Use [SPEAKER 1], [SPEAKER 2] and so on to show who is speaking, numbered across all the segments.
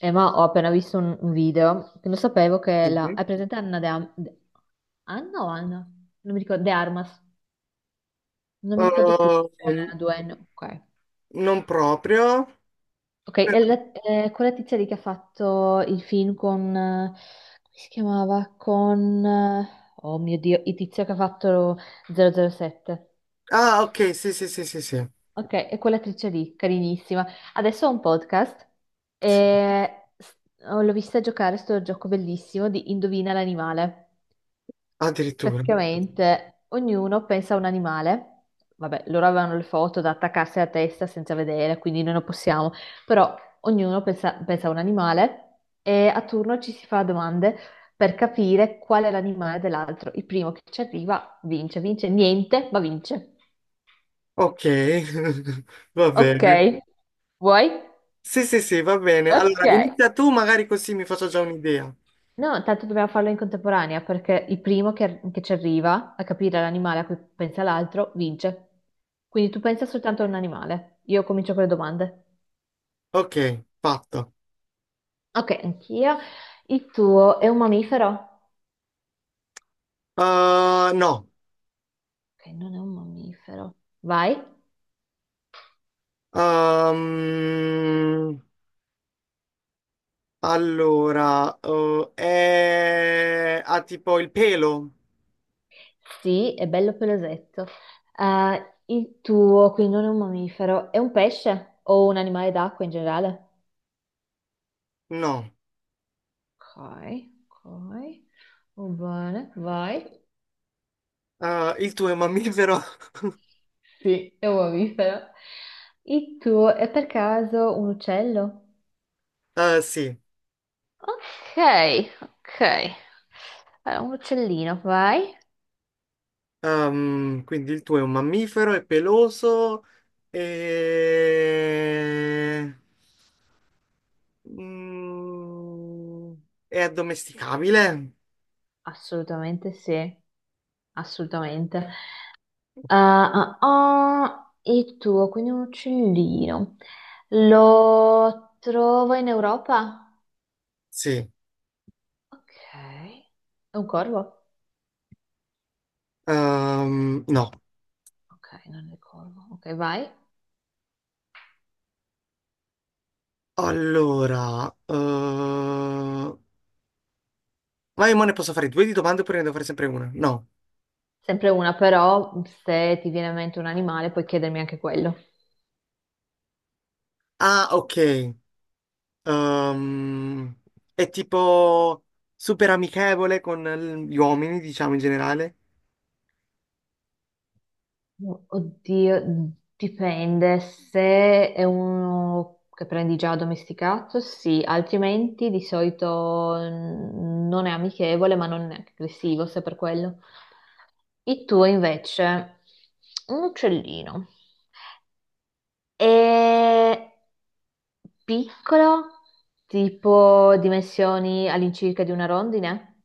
[SPEAKER 1] Ma ho appena visto un video che non sapevo che la...
[SPEAKER 2] Sì.
[SPEAKER 1] È presente Anna De Am- De- Anna o Anna? Non mi ricordo, De Armas. Non mi ricordo più.
[SPEAKER 2] Ehm,
[SPEAKER 1] C'è due N. Ok.
[SPEAKER 2] Non proprio.
[SPEAKER 1] Ok, è la- è quella tizia lì che ha fatto il film con... come si chiamava? Con... oh mio Dio, il tizio che ha fatto 007.
[SPEAKER 2] Ah, ok, sì, sì, sì, sì, sì.
[SPEAKER 1] Ok, è quell'attrice lì, carinissima. Adesso ho un podcast
[SPEAKER 2] Sì,
[SPEAKER 1] e s- l'ho vista giocare sto gioco bellissimo di Indovina l'animale.
[SPEAKER 2] addirittura.
[SPEAKER 1] Praticamente ognuno pensa a un animale, vabbè, loro avevano le foto da attaccarsi alla testa senza vedere, quindi noi non possiamo, però ognuno pensa a un animale e a turno ci si fa domande per capire qual è l'animale dell'altro. Il primo che ci arriva vince, vince niente, ma vince.
[SPEAKER 2] Ok, va
[SPEAKER 1] Ok,
[SPEAKER 2] bene.
[SPEAKER 1] vuoi?
[SPEAKER 2] Sì, sì, sì, va bene.
[SPEAKER 1] Ok,
[SPEAKER 2] Allora, inizia tu, magari così mi faccio già un'idea.
[SPEAKER 1] no, tanto dobbiamo farlo in contemporanea perché il primo che ci arriva a capire l'animale a cui pensa l'altro vince. Quindi tu pensa soltanto a un animale. Io comincio con le domande.
[SPEAKER 2] Ok, fatto.
[SPEAKER 1] Ok, anch'io. Il tuo è un mammifero?
[SPEAKER 2] No.
[SPEAKER 1] Ok, non è un mammifero. Vai.
[SPEAKER 2] Ehm, allora, è... ha tipo il pelo?
[SPEAKER 1] Sì, è bello pelosetto. Il tuo, quindi non è un mammifero, è un pesce o un animale d'acqua in generale?
[SPEAKER 2] No.
[SPEAKER 1] Ok, ok. Va bene, vai.
[SPEAKER 2] Il tuo è mammifero?
[SPEAKER 1] Sì, è un mammifero. Il tuo è per caso un uccello?
[SPEAKER 2] Sì.
[SPEAKER 1] Ok, ok. Allora, un uccellino, vai.
[SPEAKER 2] Quindi il tuo è un mammifero, è peloso e... Mm, è addomesticabile?
[SPEAKER 1] Assolutamente sì, assolutamente. Ah, ah, ah, il tuo, quindi un uccellino. Lo trovo in Europa?
[SPEAKER 2] Sì.
[SPEAKER 1] Ok, è un corvo?
[SPEAKER 2] No.
[SPEAKER 1] Ok, non ricordo. Ok, vai.
[SPEAKER 2] Allora... eh, Vai, ma io mo ne posso fare due di domande oppure ne devo fare sempre una? No.
[SPEAKER 1] Sempre una, però se ti viene in mente un animale puoi chiedermi anche quello.
[SPEAKER 2] Ah, ok. Ehm, è tipo super amichevole con gli uomini, diciamo in generale?
[SPEAKER 1] Oddio, dipende. Se è uno che prendi già addomesticato, sì, altrimenti di solito non è amichevole, ma non è neanche aggressivo, se per quello. Il tuo invece, un uccellino. È piccolo, tipo dimensioni all'incirca di una rondine?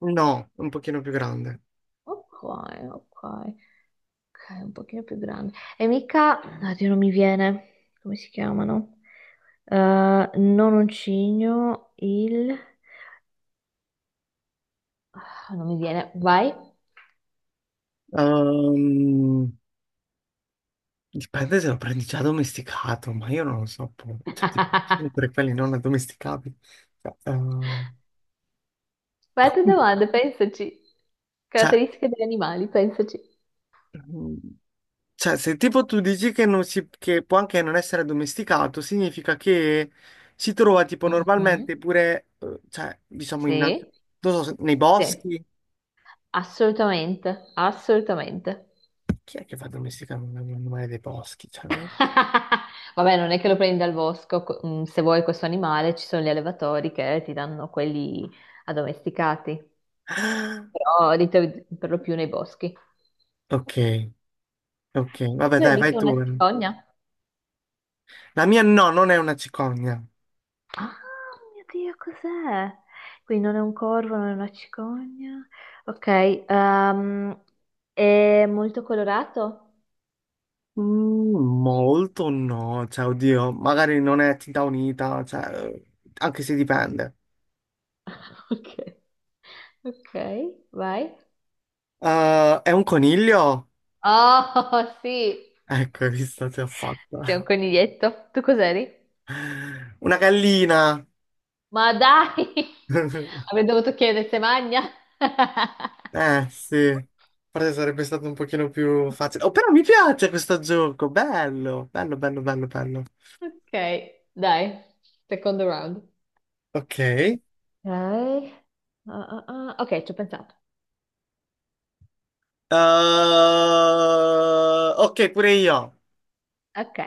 [SPEAKER 2] No, un pochino più grande.
[SPEAKER 1] Ok, ok. Ok, un pochino più grande. E mica, oddio, non mi viene, come si chiamano? Eh, non un cigno, il... Ah, non mi viene, vai.
[SPEAKER 2] Ehm, dipende se lo prendi già domesticato, ma io non lo so, cioè, tipo, sempre quelli non addomesticabili. Cioè, ehm,
[SPEAKER 1] Vai a
[SPEAKER 2] ah,
[SPEAKER 1] te
[SPEAKER 2] quindi,
[SPEAKER 1] domande, pensaci.
[SPEAKER 2] cioè,
[SPEAKER 1] Caratteristiche degli animali, pensaci.
[SPEAKER 2] mm, cioè, se tipo tu dici che, non si, che può anche non essere addomesticato, significa che si trova tipo
[SPEAKER 1] Mhm.
[SPEAKER 2] normalmente pure, cioè, diciamo, in, non
[SPEAKER 1] Sì,
[SPEAKER 2] so, nei
[SPEAKER 1] sì,
[SPEAKER 2] boschi.
[SPEAKER 1] assolutamente, assolutamente.
[SPEAKER 2] Chi è che fa addomesticare un animale dei boschi?
[SPEAKER 1] Vabbè, non è che lo prendi dal bosco, co- se vuoi questo animale ci sono gli allevatori che ti danno quelli addomesticati.
[SPEAKER 2] Ah,
[SPEAKER 1] Però di te- per lo più nei boschi.
[SPEAKER 2] ok, ok,
[SPEAKER 1] E
[SPEAKER 2] vabbè,
[SPEAKER 1] tu hai
[SPEAKER 2] dai, vai
[SPEAKER 1] mica una
[SPEAKER 2] tu.
[SPEAKER 1] cicogna?
[SPEAKER 2] La mia no, non è una cicogna.
[SPEAKER 1] Ah, mio Dio, cos'è? Quindi non è un corvo, non è una cicogna. Ok, ehm, è molto colorato?
[SPEAKER 2] Mm, Molto no, cioè, oddio, magari non è tinta unita, cioè, anche se dipende.
[SPEAKER 1] Ok, ok, vai.
[SPEAKER 2] È un coniglio?
[SPEAKER 1] Oh, sì,
[SPEAKER 2] Ecco, hai visto, ti ho
[SPEAKER 1] sei un
[SPEAKER 2] fatta.
[SPEAKER 1] coniglietto. Tu cos'eri?
[SPEAKER 2] Una gallina.
[SPEAKER 1] Ma dai, avrei dovuto chiedere se magna.
[SPEAKER 2] Sì. Forse sarebbe stato un pochino più facile. Oh, però mi piace questo gioco, bello, bello, bello, bello, bello.
[SPEAKER 1] Ok, dai, secondo round.
[SPEAKER 2] Ok.
[SPEAKER 1] Ok, ah, ah, ah. Ok, ci ho pensato.
[SPEAKER 2] Ok, pure io.
[SPEAKER 1] Ok,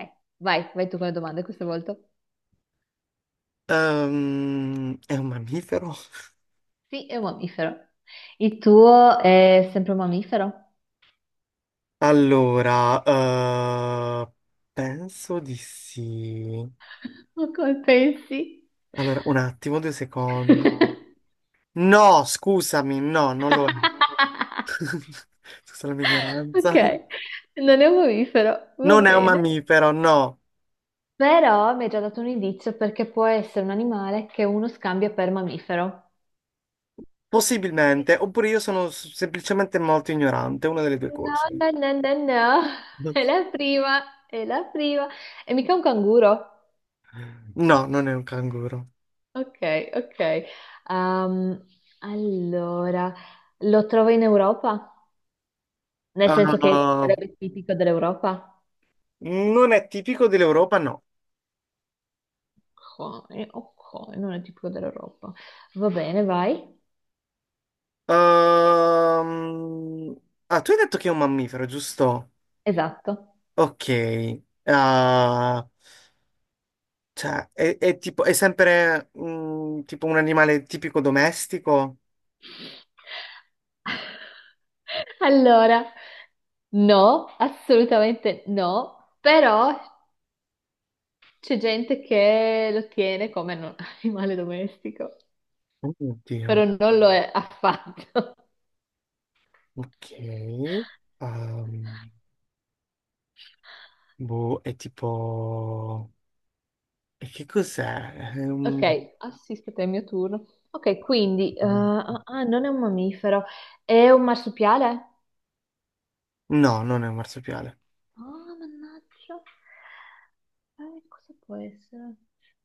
[SPEAKER 1] vai, vai tu con le domande questa volta.
[SPEAKER 2] È un mammifero?
[SPEAKER 1] Sì, è un mammifero. Il tuo è sempre un mammifero?
[SPEAKER 2] Allora, penso di sì.
[SPEAKER 1] Ma come pensi?
[SPEAKER 2] Allora, un attimo, due secondi. No, scusami, no, non lo è. Scusa la mia
[SPEAKER 1] Ok,
[SPEAKER 2] ignoranza.
[SPEAKER 1] non è un mammifero, va
[SPEAKER 2] Non è un
[SPEAKER 1] bene.
[SPEAKER 2] mammifero, no.
[SPEAKER 1] Però mi hai già dato un indizio perché può essere un animale che uno scambia per mammifero.
[SPEAKER 2] Possibilmente, oppure io sono semplicemente molto ignorante, una delle due
[SPEAKER 1] No,
[SPEAKER 2] cose.
[SPEAKER 1] no, no, no, no, è la prima, è la prima. È mica un canguro.
[SPEAKER 2] No, non è un canguro.
[SPEAKER 1] Ok, ok. Ehm, allora, lo trovo in Europa? Nel senso che
[SPEAKER 2] Uh,
[SPEAKER 1] sarebbe tipico dell'Europa?
[SPEAKER 2] non è tipico dell'Europa, no.
[SPEAKER 1] Ok, ok, non è tipico dell'Europa. Va bene, vai.
[SPEAKER 2] Ehm, Tu hai detto che è un mammifero, giusto?
[SPEAKER 1] Esatto.
[SPEAKER 2] Ok, ah, cioè, è tipo, è sempre tipo un animale tipico domestico?
[SPEAKER 1] Allora, no, assolutamente no, però c'è gente che lo tiene come non- animale domestico, però
[SPEAKER 2] Oddio,
[SPEAKER 1] non lo è affatto.
[SPEAKER 2] ok. Ehm, Boh, è tipo... E che cos'è?
[SPEAKER 1] Ok, assisto te, è il mio turno. Ok, quindi, ah, ah, non è un mammifero, è un marsupiale?
[SPEAKER 2] No, non è un marsupiale.
[SPEAKER 1] Ah, mannaggia. Cosa può essere?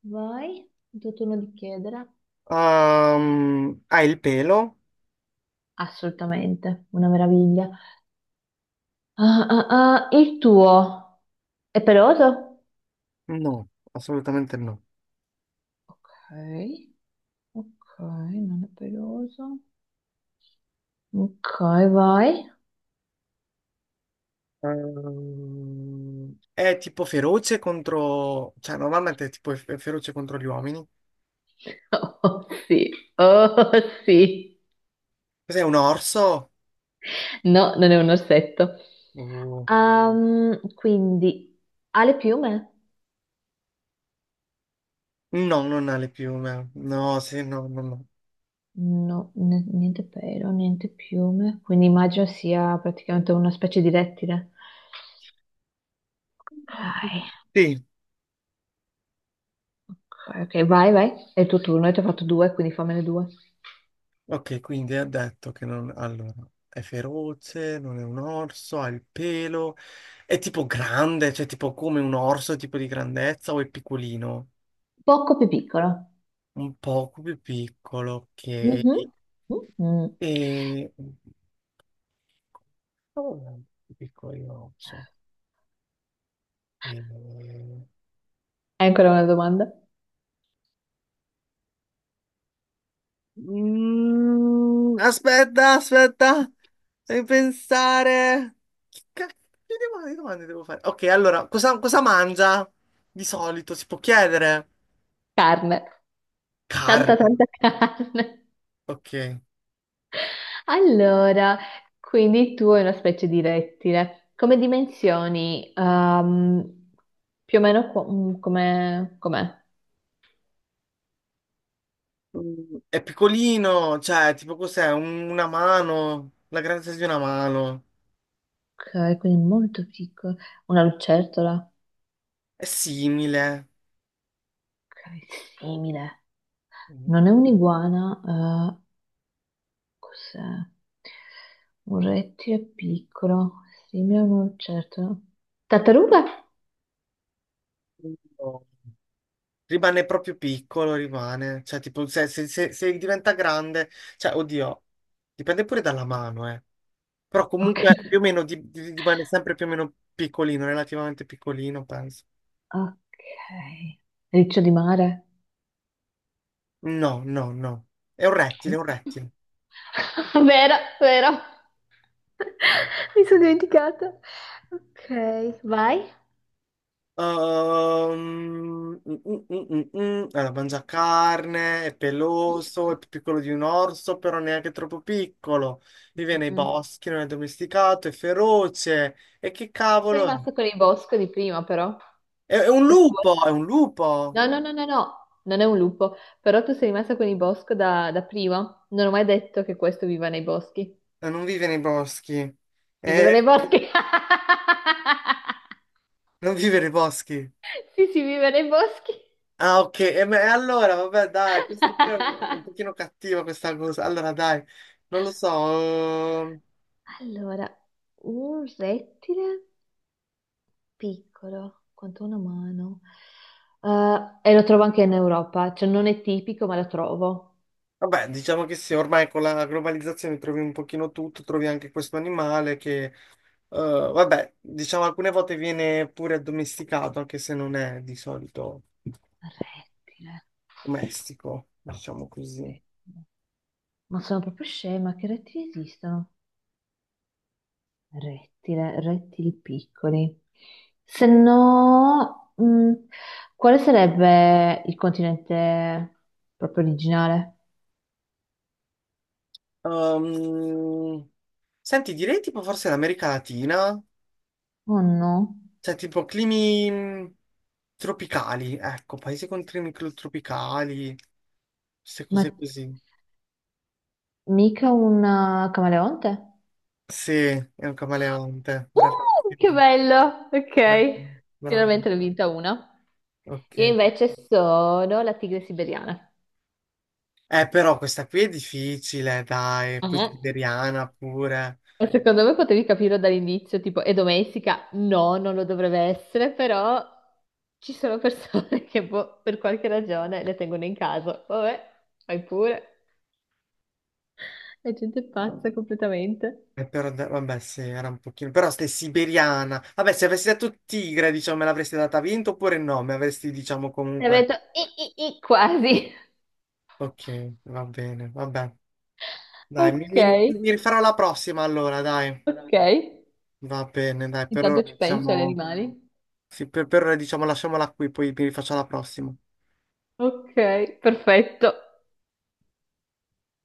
[SPEAKER 1] Vai, il tuo turno di chiedere.
[SPEAKER 2] Ha il pelo?
[SPEAKER 1] Assolutamente, una meraviglia. Ah, ah, ah, il tuo è peloso?
[SPEAKER 2] No, assolutamente no.
[SPEAKER 1] Ok, ok, non è peloso. Ok, vai.
[SPEAKER 2] È tipo feroce contro... Cioè, normalmente è tipo feroce contro gli uomini.
[SPEAKER 1] Oh sì, oh sì.
[SPEAKER 2] Cos'è un orso?
[SPEAKER 1] No, non è un orsetto.
[SPEAKER 2] Oh.
[SPEAKER 1] Quindi, ha le piume?
[SPEAKER 2] No, non ha le piume. No, sì, no, no, no.
[SPEAKER 1] No, n- niente pelo, niente piume. Quindi immagino sia praticamente una specie di rettile. Ok,
[SPEAKER 2] Sì,
[SPEAKER 1] ok, ok, vai, vai. È il tuo turno, io ti ho fatto due, quindi fammene due.
[SPEAKER 2] ok, quindi ha detto che non... Allora, è feroce, non è un orso, ha il pelo, è tipo grande, cioè tipo come un orso, tipo di grandezza, o è piccolino?
[SPEAKER 1] Poco più piccolo.
[SPEAKER 2] Un poco più piccolo, ok.
[SPEAKER 1] Mhm. Mhm.
[SPEAKER 2] E... oh, piccolo orso. E...
[SPEAKER 1] Hai ancora una domanda?
[SPEAKER 2] Aspetta, aspetta, devi pensare. Che cacchio di domande devo fare? Ok, allora, cosa mangia di solito? Si può chiedere?
[SPEAKER 1] Carne. Tanta,
[SPEAKER 2] Carne.
[SPEAKER 1] tanta carne.
[SPEAKER 2] Ok.
[SPEAKER 1] Allora, quindi tu hai una specie di rettile. Come dimensioni? Più o meno qu- come... com'è?
[SPEAKER 2] Mm, è piccolino, cioè, tipo cos'è? Una mano, la grandezza di una mano.
[SPEAKER 1] Ok, quindi molto piccolo. Una lucertola?
[SPEAKER 2] È simile.
[SPEAKER 1] Ok, simile.
[SPEAKER 2] Mm,
[SPEAKER 1] Non è un'iguana, eh, cos'è? Un rettile piccolo, simile a una lucertola. Tartaruga?
[SPEAKER 2] no. Rimane proprio piccolo, rimane. Cioè, tipo, se diventa grande, cioè, oddio, dipende pure dalla mano, eh. Però
[SPEAKER 1] Ok.
[SPEAKER 2] comunque più o meno rimane sempre più o meno piccolino, relativamente piccolino, penso.
[SPEAKER 1] Ok. Riccio di mare?
[SPEAKER 2] No, no, no. È un rettile, è un rettile.
[SPEAKER 1] Vero, vero. Mi sono dimenticata. Ok, vai.
[SPEAKER 2] Mm. Allora, mangia carne, è
[SPEAKER 1] Mm,
[SPEAKER 2] peloso,
[SPEAKER 1] mm,
[SPEAKER 2] è più piccolo di un orso, però neanche troppo piccolo. Vive
[SPEAKER 1] mm,
[SPEAKER 2] nei
[SPEAKER 1] mm.
[SPEAKER 2] boschi, non è domesticato, è feroce. E che
[SPEAKER 1] Sei
[SPEAKER 2] cavolo è?
[SPEAKER 1] rimasto con il bosco di prima, però.
[SPEAKER 2] È un
[SPEAKER 1] Questa
[SPEAKER 2] lupo,
[SPEAKER 1] volta.
[SPEAKER 2] è un lupo.
[SPEAKER 1] No, no, no, no, no, non è un lupo. Però tu sei rimasta con il bosco da, da prima. Non ho mai detto che questo viva nei boschi.
[SPEAKER 2] Non vive nei boschi.
[SPEAKER 1] Si vive
[SPEAKER 2] Eh,
[SPEAKER 1] nei boschi.
[SPEAKER 2] non vive nei boschi.
[SPEAKER 1] Sì, si vive nei boschi.
[SPEAKER 2] Ah, ok. E allora, vabbè, dai, questo pure è un pochino cattivo questa cosa. Allora, dai, non lo so. ehm,
[SPEAKER 1] Allora, un rettile, piccolo quanto una mano. E lo trovo anche in Europa, cioè non è tipico, ma lo trovo.
[SPEAKER 2] Vabbè, diciamo che sì, ormai con la globalizzazione trovi un pochino tutto, trovi anche questo animale che, vabbè, diciamo alcune volte viene pure addomesticato, anche se non è di solito
[SPEAKER 1] Rettile.
[SPEAKER 2] domestico, diciamo così.
[SPEAKER 1] Rettile. Ma sono proprio scema, che rettili esistono? Rettile, rettili piccoli. Se no, quale sarebbe il continente proprio originale?
[SPEAKER 2] Ehm, Senti, direi tipo forse l'America Latina.
[SPEAKER 1] Oh no,
[SPEAKER 2] Cioè, tipo climi tropicali, ecco, paesi con climi tropicali, queste
[SPEAKER 1] ma
[SPEAKER 2] cose così.
[SPEAKER 1] mica un camaleonte?
[SPEAKER 2] Sì, è un camaleonte,
[SPEAKER 1] Che
[SPEAKER 2] bravissimo.
[SPEAKER 1] bello!
[SPEAKER 2] Bravo,
[SPEAKER 1] Ok,
[SPEAKER 2] bravo.
[SPEAKER 1] finalmente ne ho vinta una. Io
[SPEAKER 2] Ok.
[SPEAKER 1] invece sono la tigre siberiana.
[SPEAKER 2] Però questa qui è difficile, dai, poi
[SPEAKER 1] Mhm.
[SPEAKER 2] siberiana pure.
[SPEAKER 1] Ma secondo me potevi capirlo dall'inizio, tipo è domestica? No, non lo dovrebbe essere, però ci sono persone che boh, per qualche ragione le tengono in casa. Vabbè, fai pure. La gente è pazza completamente.
[SPEAKER 2] Però, vabbè, sì, era un pochino. Però stai siberiana. Vabbè, se avessi detto tigre, diciamo, me l'avresti data vinto oppure no? Me avresti, diciamo,
[SPEAKER 1] E avrei
[SPEAKER 2] comunque.
[SPEAKER 1] detto quasi.
[SPEAKER 2] Ok, va bene, vabbè. Dai,
[SPEAKER 1] Ok,
[SPEAKER 2] mi rifarò la prossima allora, dai.
[SPEAKER 1] ok.
[SPEAKER 2] Va bene, dai, per ora
[SPEAKER 1] Intanto ci penso agli
[SPEAKER 2] diciamo,
[SPEAKER 1] animali.
[SPEAKER 2] sì, per ora diciamo lasciamola qui, poi mi rifaccio la prossima.
[SPEAKER 1] Ok, perfetto.